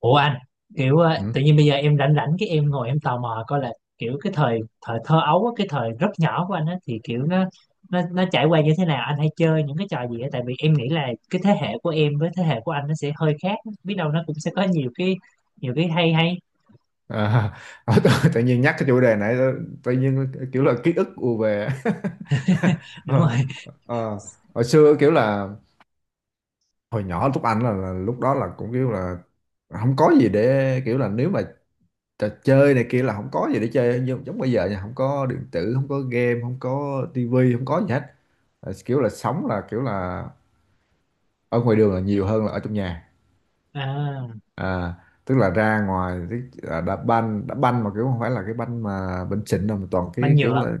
Ủa anh Ừ. tự nhiên bây giờ em rảnh rảnh cái em ngồi em tò mò coi là kiểu cái thời thời thơ ấu á, cái thời rất nhỏ của anh á thì kiểu nó trải qua như thế nào, anh hay chơi những cái trò gì á? Tại vì em nghĩ là cái thế hệ của em với thế hệ của anh nó sẽ hơi khác, biết đâu nó cũng sẽ có nhiều cái hay hay. À, tự nhiên nhắc cái chủ đề này, tự nhiên kiểu là ký ức ùa về. Đúng Ờ, rồi. ờ. Hồi xưa kiểu là hồi nhỏ, lúc anh là lúc đó là cũng kiểu là không có gì để kiểu là, nếu mà trò chơi này kia là không có gì để chơi, nhưng giống bây giờ nha, không có điện tử, không có game, không có tivi, không có gì hết. Kiểu là sống là kiểu là ở ngoài đường là nhiều hơn là ở trong nhà. à, à, Tức là ra ngoài, tức là đá banh, đá banh mà kiểu không phải là cái banh mà banh xịn đâu, mà toàn banh cái kiểu nhựa. là...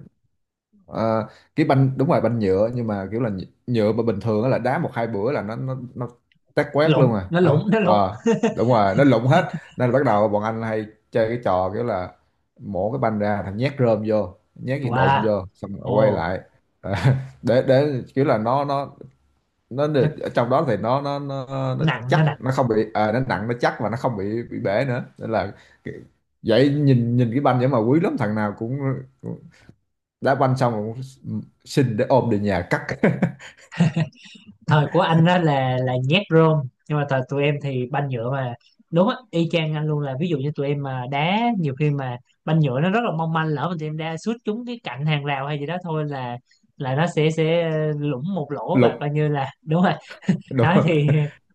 Ờ, cái banh, đúng rồi, banh nhựa, nhưng mà kiểu là nhựa nhựa mà bình thường á, là đá một hai bữa là nó tét quét lủng luôn à. nó lủng nó lủng Đúng rồi, nó lụng hết. Nên là bắt đầu bọn anh hay chơi cái trò kiểu là mổ cái banh ra, thằng nhét rơm vô, nhét gì đụng Wow. vô xong rồi quay Ồ. lại. Ờ, để kiểu là nó nó ở trong đó thì nó nặng nó chắc, nặng nó không bị nó nặng, nó chắc, và nó không bị bể nữa, nên là cái- vậy nhìn nhìn cái banh vậy mà quý lắm, thằng nào cũng đá banh xong rồi xin để ôm về nhà cắt. Thời của anh đó là nhét rôm, nhưng mà thời tụi em thì banh nhựa mà. Đúng á, y chang anh luôn. Là ví dụ như tụi em mà đá, nhiều khi mà banh nhựa nó rất là mong manh, lỡ mà tụi em đá sút trúng cái cạnh hàng rào hay gì đó thôi là nó sẽ lủng một lỗ, và coi Lục, như là đúng rồi. đúng Đó rồi. thì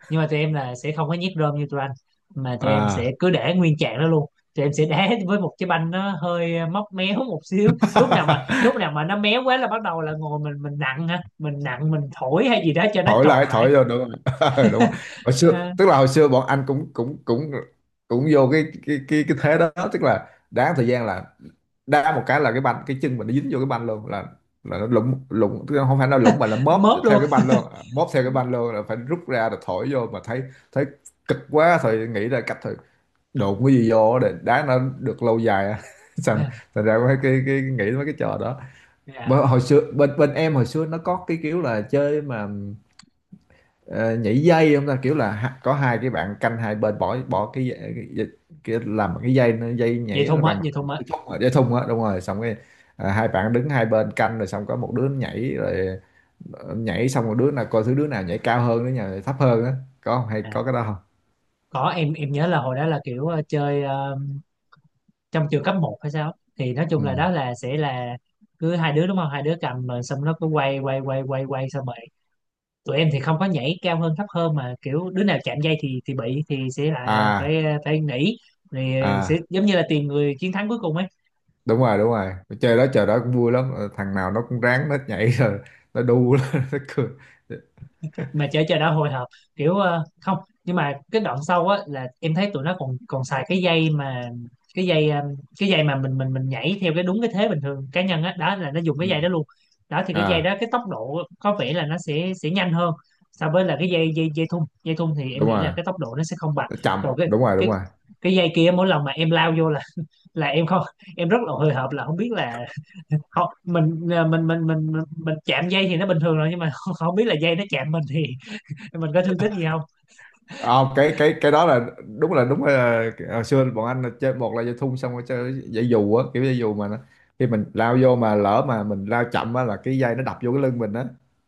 nhưng mà tụi em là sẽ không có nhét rơm như tụi anh, mà tụi em sẽ À, cứ để nguyên trạng đó luôn. Tụi em sẽ đá với một cái banh nó hơi móc méo một xíu. Lúc nào mà nó méo quá là bắt đầu là ngồi mình nặng ha, mình nặng mình thổi hay gì đó cho nó thổi tròn lại, lại. thổi vô, đúng rồi. Đúng rồi. Hồi xưa, À, tức là hồi xưa bọn anh cũng cũng cũng cũng vô cái thế đó, tức là đá thời gian là đá một cái là cái banh, cái chân mình nó dính vô cái banh luôn, là nó lủng lủng, tức là không phải nó lủng mà nó móp mớp theo luôn. cái banh luôn, móp theo cái banh luôn là phải rút ra rồi thổi vô, mà thấy thấy cực quá, thôi nghĩ ra cách, thôi đụng cái gì vô để đá nó được lâu dài á. thành thành ra mấy cái nghĩ mấy cái trò đó. Dạ. Hồi xưa bên bên em hồi xưa nó có cái kiểu là chơi mà, ờ, nhảy dây không ta, kiểu là có hai cái bạn canh hai bên, bỏ bỏ cái, cái, cái làm cái dây dây nhảy nó bằng vậy thôi mà. cái thùng á, dây thun á, đúng rồi, xong cái hai bạn đứng hai bên canh rồi, xong có một đứa nhảy rồi nhảy xong, một đứa nào coi thứ đứa nào nhảy cao hơn, đứa nào nhảy thấp hơn á, có không? Hay à, có cái đó không? có, em nhớ là hồi đó là chơi, trong trường cấp một hay sao, thì nói chung Ừ. là đó là sẽ là cứ hai đứa đúng không, hai đứa cầm rồi xong nó cứ quay quay quay quay quay xong. Tụi em thì không có nhảy cao hơn thấp hơn mà kiểu đứa nào chạm dây thì bị thì sẽ là À, phải phải nghỉ. Thì sẽ à, giống như là tìm người chiến thắng cuối cùng ấy. đúng rồi, đúng rồi. Chơi đó trời, đó cũng vui lắm. Ờ, Thằng nào nó cũng ráng nó nhảy rồi nó đu lên, nó cười. Mà chờ chờ đã hồi hộp kiểu không. Nhưng mà cái đoạn sau á là em thấy tụi nó còn còn xài cái dây mà, cái dây cái dây mà mình nhảy theo cái đúng cái thế bình thường cá nhân á, đó là nó dùng cái dây đó Ừ. luôn. Đó thì cái dây À, đó cái tốc độ có vẻ là nó sẽ nhanh hơn so với là cái dây dây dây thun. Dây thun thì em đúng nghĩ rồi, là cái tốc độ nó sẽ không bằng. nó chậm, Rồi đúng rồi, đúng cái rồi. cái dây kia mỗi lần mà em lao vô là em không, em rất là hồi hộp là không biết là không, mình à, mình mình chạm dây thì nó bình thường rồi, nhưng mà không biết là dây nó chạm mình thì mình có thương tích gì không. Cái đó là đúng là hồi xưa bọn anh là chơi, một là dây thun, xong rồi chơi dây dù á, kiểu dây dù mà nó, khi mình lao vô mà lỡ mà mình lao chậm á là cái dây nó đập vô cái lưng mình á,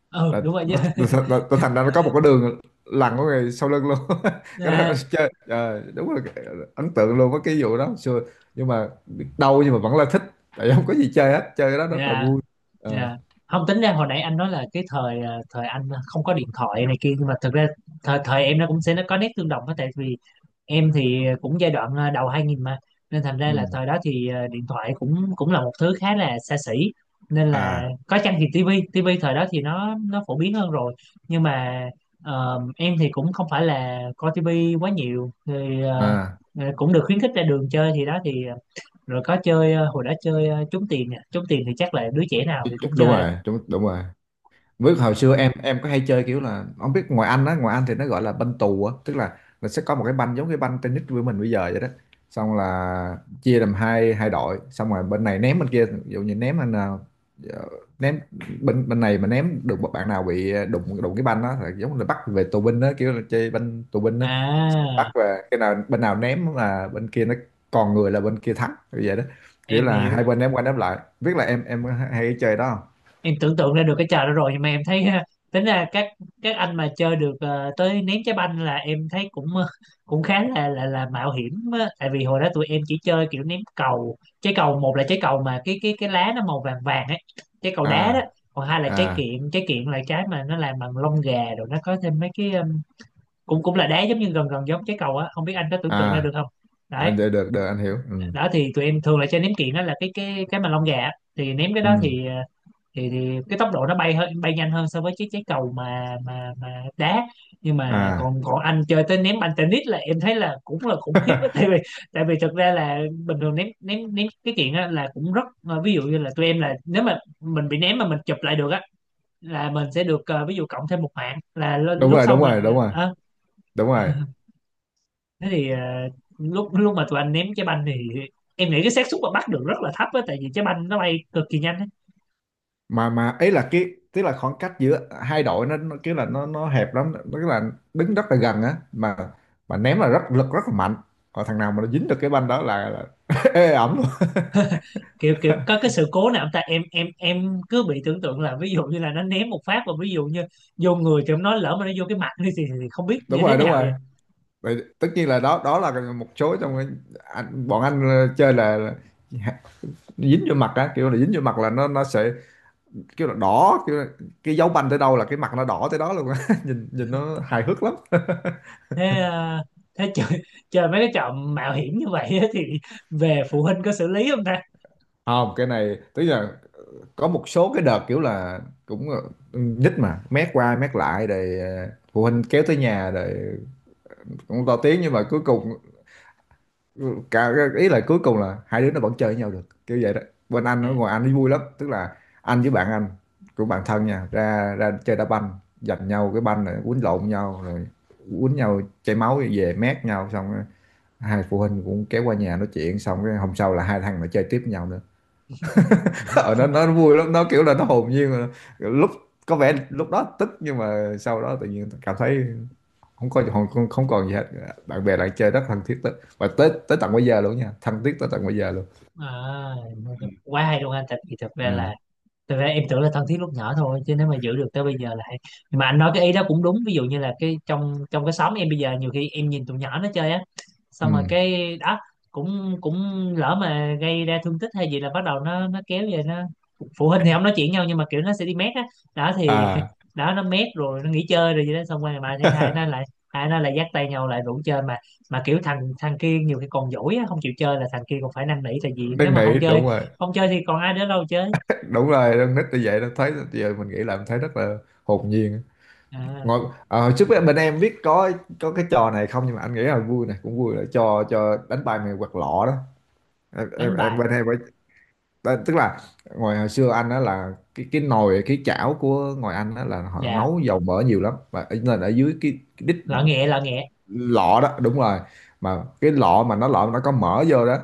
Ừ, là đúng rồi chứ. Thành ra nó có một cái đường lằn của người sau lưng luôn. Cái đó À, chơi trời, đúng là ấn tượng luôn với cái vụ đó xưa, nhưng mà biết đâu, nhưng mà vẫn là thích, tại không có gì chơi hết, chơi cái đó rất là dạ. vui. Ờ, Dạ, không tính ra hồi nãy anh nói là cái thời thời anh không có điện thoại này kia, nhưng mà thực ra thời thời em nó cũng sẽ nó có nét tương đồng á. Tại vì em thì cũng giai đoạn đầu 2000 mà, nên thành ra là ừ. thời đó thì điện thoại cũng cũng là một thứ khá là xa xỉ. Nên là À, có chăng thì tivi. Thời đó thì nó phổ biến hơn rồi. Nhưng mà em thì cũng không phải là coi tivi quá nhiều thì à, cũng được khuyến khích ra đường chơi, thì đó thì rồi có chơi, hồi đó chơi, trốn tìm nè. Trốn tìm thì chắc là đứa trẻ nào thì cũng đúng chơi rồi. rồi, đúng, đúng rồi. Với hồi xưa em có hay chơi kiểu là, không biết ngoài Anh á, ngoài Anh thì nó gọi là banh tù á, tức là sẽ có một cái banh giống cái banh tennis của mình bây giờ vậy đó. Xong là chia làm hai hai đội, xong rồi bên này ném bên kia, ví dụ như ném anh nào ờ, ném bên bên này mà ném được một bạn nào bị đụng đụng cái banh đó là giống là bắt về tù binh đó, kiểu là chơi banh tù binh đó. Xong rồi bắt À, về, cái nào bên nào ném là bên kia nó còn người là bên kia thắng, kiểu vậy đó. Kiểu em là hiểu. hai bên ném qua ném lại. Biết là em hay chơi đó không? Em tưởng tượng ra được cái trò đó rồi nhưng mà em thấy tính ra các anh mà chơi được, tới ném trái banh là em thấy cũng cũng khá là mạo hiểm á. Tại vì hồi đó tụi em chỉ chơi kiểu ném cầu, trái cầu. Một là trái cầu mà cái lá nó màu vàng vàng ấy, trái cầu đá đó. À, Còn hai là trái à, kiện. Trái kiện là trái mà nó làm bằng lông gà rồi nó có thêm mấy cái cũng cũng là đá giống như gần gần giống trái cầu á, không biết anh có tưởng tượng ra được à, không. à, Đấy, được, được, được, anh hiểu. Ừ, đó thì tụi em thường là chơi ném kiện đó, là cái mà lông gà á. Thì ném cái ừ. đó thì thì cái tốc độ nó bay hơn, bay nhanh hơn so với chiếc trái cầu mà đá. Nhưng mà À, còn còn anh chơi tới ném banh tennis là em thấy là cũng là khủng khiếp á. Tại vì thực ra là bình thường ném ném ném cái chuyện á là cũng rất ví dụ như là tụi em là nếu mà mình bị ném mà mình chụp lại được á là mình sẽ được, ví dụ cộng thêm một mạng là đúng lúc rồi, sau đúng rồi, đúng mình rồi, ờ, đúng ờ. rồi. Thế thì lúc lúc mà tụi anh ném trái banh thì em nghĩ cái xác suất mà bắt được rất là thấp á, tại vì trái banh nó bay cực kỳ nhanh á. Mà ấy là cái, tức là khoảng cách giữa hai đội nó kiểu là nó hẹp lắm, nó cái là đứng rất là gần á, mà ném là rất lực, rất là mạnh, còn thằng nào mà nó dính được cái banh đó là ê ẩm luôn. Kiểu kiểu có cái sự cố nào không ta? Em cứ bị tưởng tượng là ví dụ như là nó ném một phát và ví dụ như vô người thì em nói lỡ mà nó vô cái mặt đi thì không biết Đúng như thế rồi, đúng nào rồi. vậy. Vậy, tất nhiên là đó, đó là một số trong bọn anh chơi là dính vô mặt á, kiểu là dính vô mặt là nó sẽ kiểu là đỏ kiểu là, cái dấu banh tới đâu là cái mặt nó đỏ tới đó luôn á. Nhìn nhìn nó hài hước lắm. Thế thế chơi mấy cái trò mạo hiểm như vậy á thì về phụ huynh có xử lý không ta? Không, cái này tức là có một số cái đợt kiểu là cũng là mà mét qua mét lại rồi, phụ huynh kéo tới nhà rồi cũng to tiếng, nhưng mà cuối cùng, ừ, cả ý là cuối cùng là hai đứa nó vẫn chơi với nhau được, kiểu vậy đó. Bên anh ở Dạ. ngoài anh ấy vui lắm, tức là anh với bạn anh, của bạn thân nha, ra ra chơi đá banh, giành nhau cái banh rồi quýnh lộn nhau, rồi quýnh nhau chảy máu về mét nhau, xong hai phụ huynh cũng kéo qua nhà nói chuyện, xong cái hôm sau là hai thằng nó chơi tiếp với nhau nữa. Ở, nó Phụ- nó vui lắm, nó kiểu là nó hồn nhiên mà. Lúc có vẻ lúc đó tức, nhưng mà sau đó tự nhiên cảm thấy không có, không, không còn gì hết, bạn bè lại chơi rất thân thiết tới, và tới tới tận bây giờ luôn nha, thân thiết tới tận bây giờ luôn. à, quá hay luôn anh. Thật thì thật ra Ừ. là thật ra em tưởng là thân thiết lúc nhỏ thôi, chứ nếu mà giữ được tới bây giờ là hay. Nhưng mà anh nói cái ý đó cũng đúng. Ví dụ như là cái trong trong cái xóm em bây giờ nhiều khi em nhìn tụi nhỏ nó chơi á, xong rồi Ừ. cái đó cũng cũng lỡ mà gây ra thương tích hay gì là bắt đầu nó kéo về nó, phụ huynh thì không nói chuyện nhau nhưng mà kiểu nó sẽ đi mét á. Đó thì À, đó nó mét rồi nó nghỉ chơi rồi gì đó, xong rồi mà thấy hai nó lại dắt tay nhau lại rủ chơi mà. Mà kiểu thằng thằng kia nhiều khi còn dỗi á, không chịu chơi là thằng kia còn phải năn nỉ. Tại vì nếu năn mà nỉ, đúng rồi, không chơi thì còn ai nữa đâu chơi. đúng rồi. Con nít như vậy nó thấy, giờ mình nghĩ là mình thấy rất là hồn nhiên. À, Ngồi trước bên bên em biết có cái trò này không, nhưng mà anh nghĩ là vui này cũng vui, là trò, trò đánh bài mày quạt lọ đó. em, em, đánh em bài. bên em phải, đó, tức là ngoài hồi xưa anh đó là cái nồi cái chảo của ngoài anh đó là họ Dạ, nấu dầu mỡ nhiều lắm, và nên ở dưới cái đít lọ nghẹ. Lọ nghẹ. lọ đó, đúng rồi, mà cái lọ mà nó có mỡ vô đó,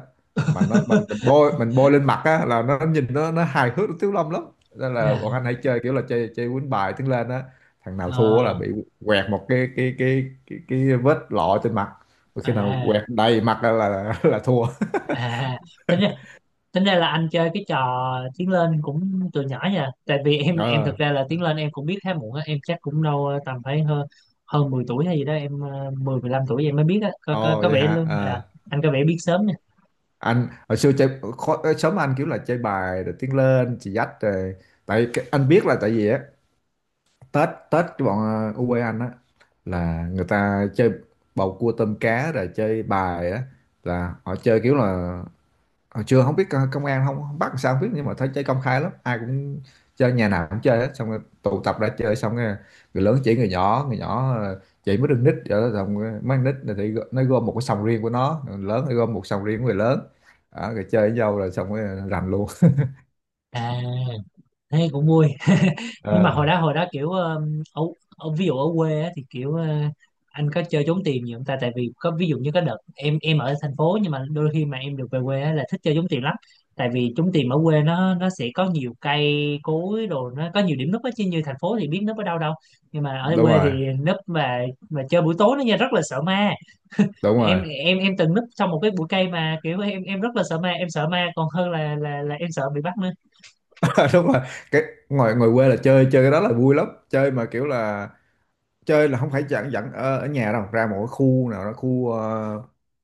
mà nó mình bôi, mình bôi lên mặt á là nó nhìn nó hài hước, nó thiếu Lâm lắm. Nên là Dạ. bọn anh hãy chơi kiểu là chơi chơi quýnh bài tiếng lên á, thằng nào thua Ờ, là bị quẹt một cái vết lọ trên mặt. Và khi nào quẹt à, đầy mặt là là thua. à tính ra, tính ra là anh chơi cái trò tiến lên cũng từ nhỏ nha. Tại vì em thực ờ ra là tiến lên em cũng biết khá muộn á. Em chắc cũng đâu tầm phải hơn hơn 10 tuổi hay gì đó em, mười, lăm tuổi em mới biết á. Ồ, Có vậy vẻ hả? luôn. À, Ờ. anh có vẻ biết sớm nha. Anh hồi xưa chơi khó, sớm, anh kiểu là chơi bài rồi tiếng lên chị dắt rồi, tại anh biết là tại vì á, Tết Tết cái bọn u ở anh á là người ta chơi bầu cua tôm cá rồi chơi bài á, là họ chơi kiểu là hồi chưa, không biết công an không, không bắt làm sao không biết, nhưng mà thấy chơi công khai lắm, ai cũng chơi, nhà nào cũng chơi hết, xong rồi tụ tập ra chơi, xong rồi người lớn chỉ người nhỏ, người nhỏ chỉ mới đừng nít rồi đó, xong rồi mấy con nít này thì nó gom một cái sòng riêng của nó, người lớn thì gom một sòng riêng của người lớn. Đó, rồi chơi với nhau rồi xong rồi rành luôn. À, thế cũng vui. Nhưng mà Ờ. hồi đó kiểu ở ví dụ ở quê á, thì kiểu anh có chơi trốn tìm nhiều không ta? Tại vì có ví dụ như có đợt em ở thành phố, nhưng mà đôi khi mà em được về quê á, là thích chơi trốn tìm lắm. Tại vì trốn tìm ở quê nó sẽ có nhiều cây cối đồ, nó có nhiều điểm núp á, chứ như thành phố thì biết núp ở đâu đâu. Nhưng mà ở Đúng quê thì rồi, núp mà chơi buổi tối nó nha rất là sợ ma. đúng em rồi. em em từng núp trong một cái bụi cây mà kiểu em rất là sợ ma, em sợ ma còn hơn là em sợ bị bắt nữa. Đúng rồi, cái ngoài ngoài quê là chơi chơi cái đó là vui lắm, chơi mà kiểu là chơi là không phải dẫn dẫn ở nhà đâu, ra một cái khu nào đó, khu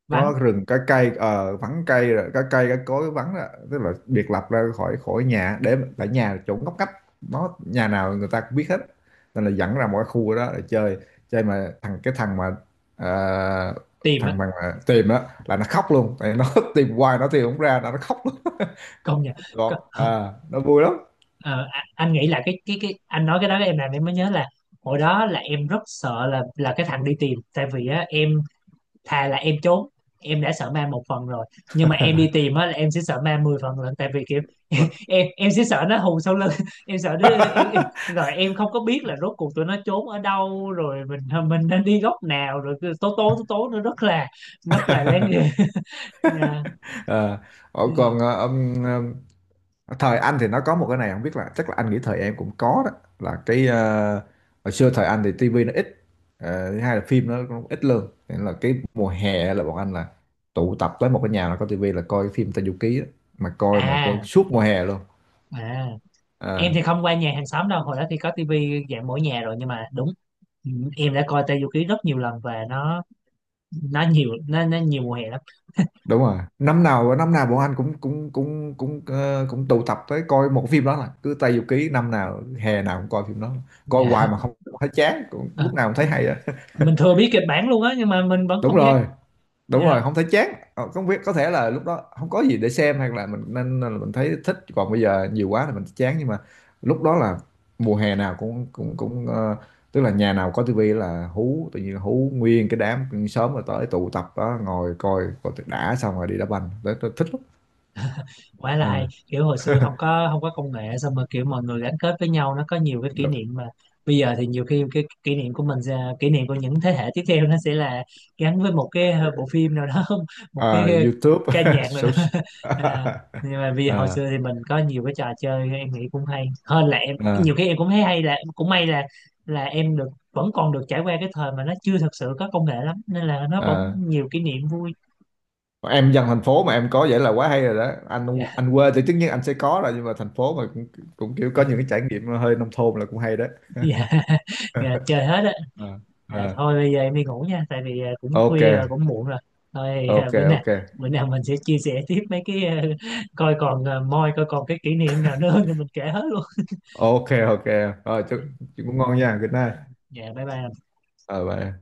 Vắng có rừng có cây, vắng cây rồi có cây có cối vắng đó. Tức là biệt lập ra khỏi khỏi nhà, để tại nhà là chỗ ngóc ngách, nó nhà nào người ta cũng biết hết, nên là dẫn ra mỗi khu đó để chơi. Chơi mà thằng, cái thằng mà ờ, tìm á. thằng mà tìm đó là nó khóc luôn, tại nó tìm hoài nó tìm không ra, nó khóc luôn. Công nhận. Còn à, nó vui lắm. Ờ, a- anh nghĩ là cái anh nói cái đó em làm em mới nhớ là hồi đó là em rất sợ là cái thằng đi tìm. Tại vì á, em thà là em trốn. Em đã sợ ma một phần rồi, nhưng mà em đi tìm á là em sẽ sợ ma 10 phần lần. Tại vì kiểu em sẽ sợ nó hù sau lưng, em sợ đứa em rồi em không có biết là rốt cuộc tụi nó trốn ở đâu, rồi mình nên đi góc nào, rồi cứ tố tố tố tố nó rất là đáng ghê. Dạ, Ờ, dạ. Còn ông thời anh thì nó có một cái này, không biết là, chắc là anh nghĩ thời em cũng có đó, là cái hồi xưa thời anh thì tivi nó ít. Thứ hai là phim nó cũng ít lương, nên là cái mùa hè là bọn anh là tụ tập tới một cái nhà là có tivi là coi cái phim Tây Du Ký á, mà coi À, suốt mùa hè luôn. à, Ờ, em thì không qua nhà hàng xóm đâu. Hồi đó thì có tivi dạng mỗi nhà rồi, nhưng mà đúng. Ừ, em đã coi Tây Du Ký rất nhiều lần và nó nó nhiều mùa hè lắm. Đúng rồi, năm nào, năm nào bọn anh cũng cũng cũng cũng cũng tụ tập tới coi một phim đó là cứ Tây Du Ký, năm nào hè nào cũng coi phim đó, coi hoài Dạ. mà không thấy chán cũng, Ờ, lúc nào cũng thấy hay. mình thừa biết kịch bản luôn á nhưng mà mình vẫn Đúng không dám. rồi, đúng Dạ, rồi, không thấy chán. Ờ, Không biết có thể là lúc đó không có gì để xem hay là mình nên là mình thấy thích, còn bây giờ nhiều quá thì mình chán, nhưng mà lúc đó là mùa hè nào cũng cũng cũng tức là nhà nào có tivi là hú, tự nhiên hú nguyên cái đám sớm, rồi tới tụ tập đó ngồi coi, coi tuyệt đã, xong rồi đi đá banh tới tôi thích lắm. quá là hay. À, Kiểu hồi xưa không có công nghệ xong rồi kiểu mọi người gắn kết với nhau nó có nhiều cái kỷ được. niệm. Mà bây giờ thì nhiều khi cái kỷ niệm của mình sẽ- kỷ niệm của những thế hệ tiếp theo nó sẽ là gắn với một cái bộ phim nào đó một cái À, YouTube, ca nhạc nào đó. Social- À, nhưng mà vì hồi à, xưa thì mình có nhiều cái trò chơi em nghĩ cũng hay hơn. Là em à, nhiều khi em cũng thấy hay là cũng may là em được vẫn còn được trải qua cái thời mà nó chưa thật sự có công nghệ lắm, nên là nó vẫn à. nhiều kỷ niệm vui. Em dân thành phố mà em có vậy là quá hay rồi đó Dạ. anh quê thì tất nhiên anh sẽ có rồi, nhưng mà thành phố mà cũng, cũng kiểu có những cái trải nghiệm hơi nông thôn là cũng hay đó. Dạ. Dạ, chơi hết á. Ờ. À, Ờ. thôi bây giờ em đi ngủ nha, tại vì cũng Ok, khuya rồi cũng muộn rồi. Thôi ok, ok, bữa nào mình sẽ chia sẻ tiếp mấy cái, coi còn, à, moi coi còn cái kỷ niệm nào nữa thì mình kể hết luôn. ok, ok, rồi chúc ngủ ngon nha, good night. Dạ, bye bye. Ờ, bye.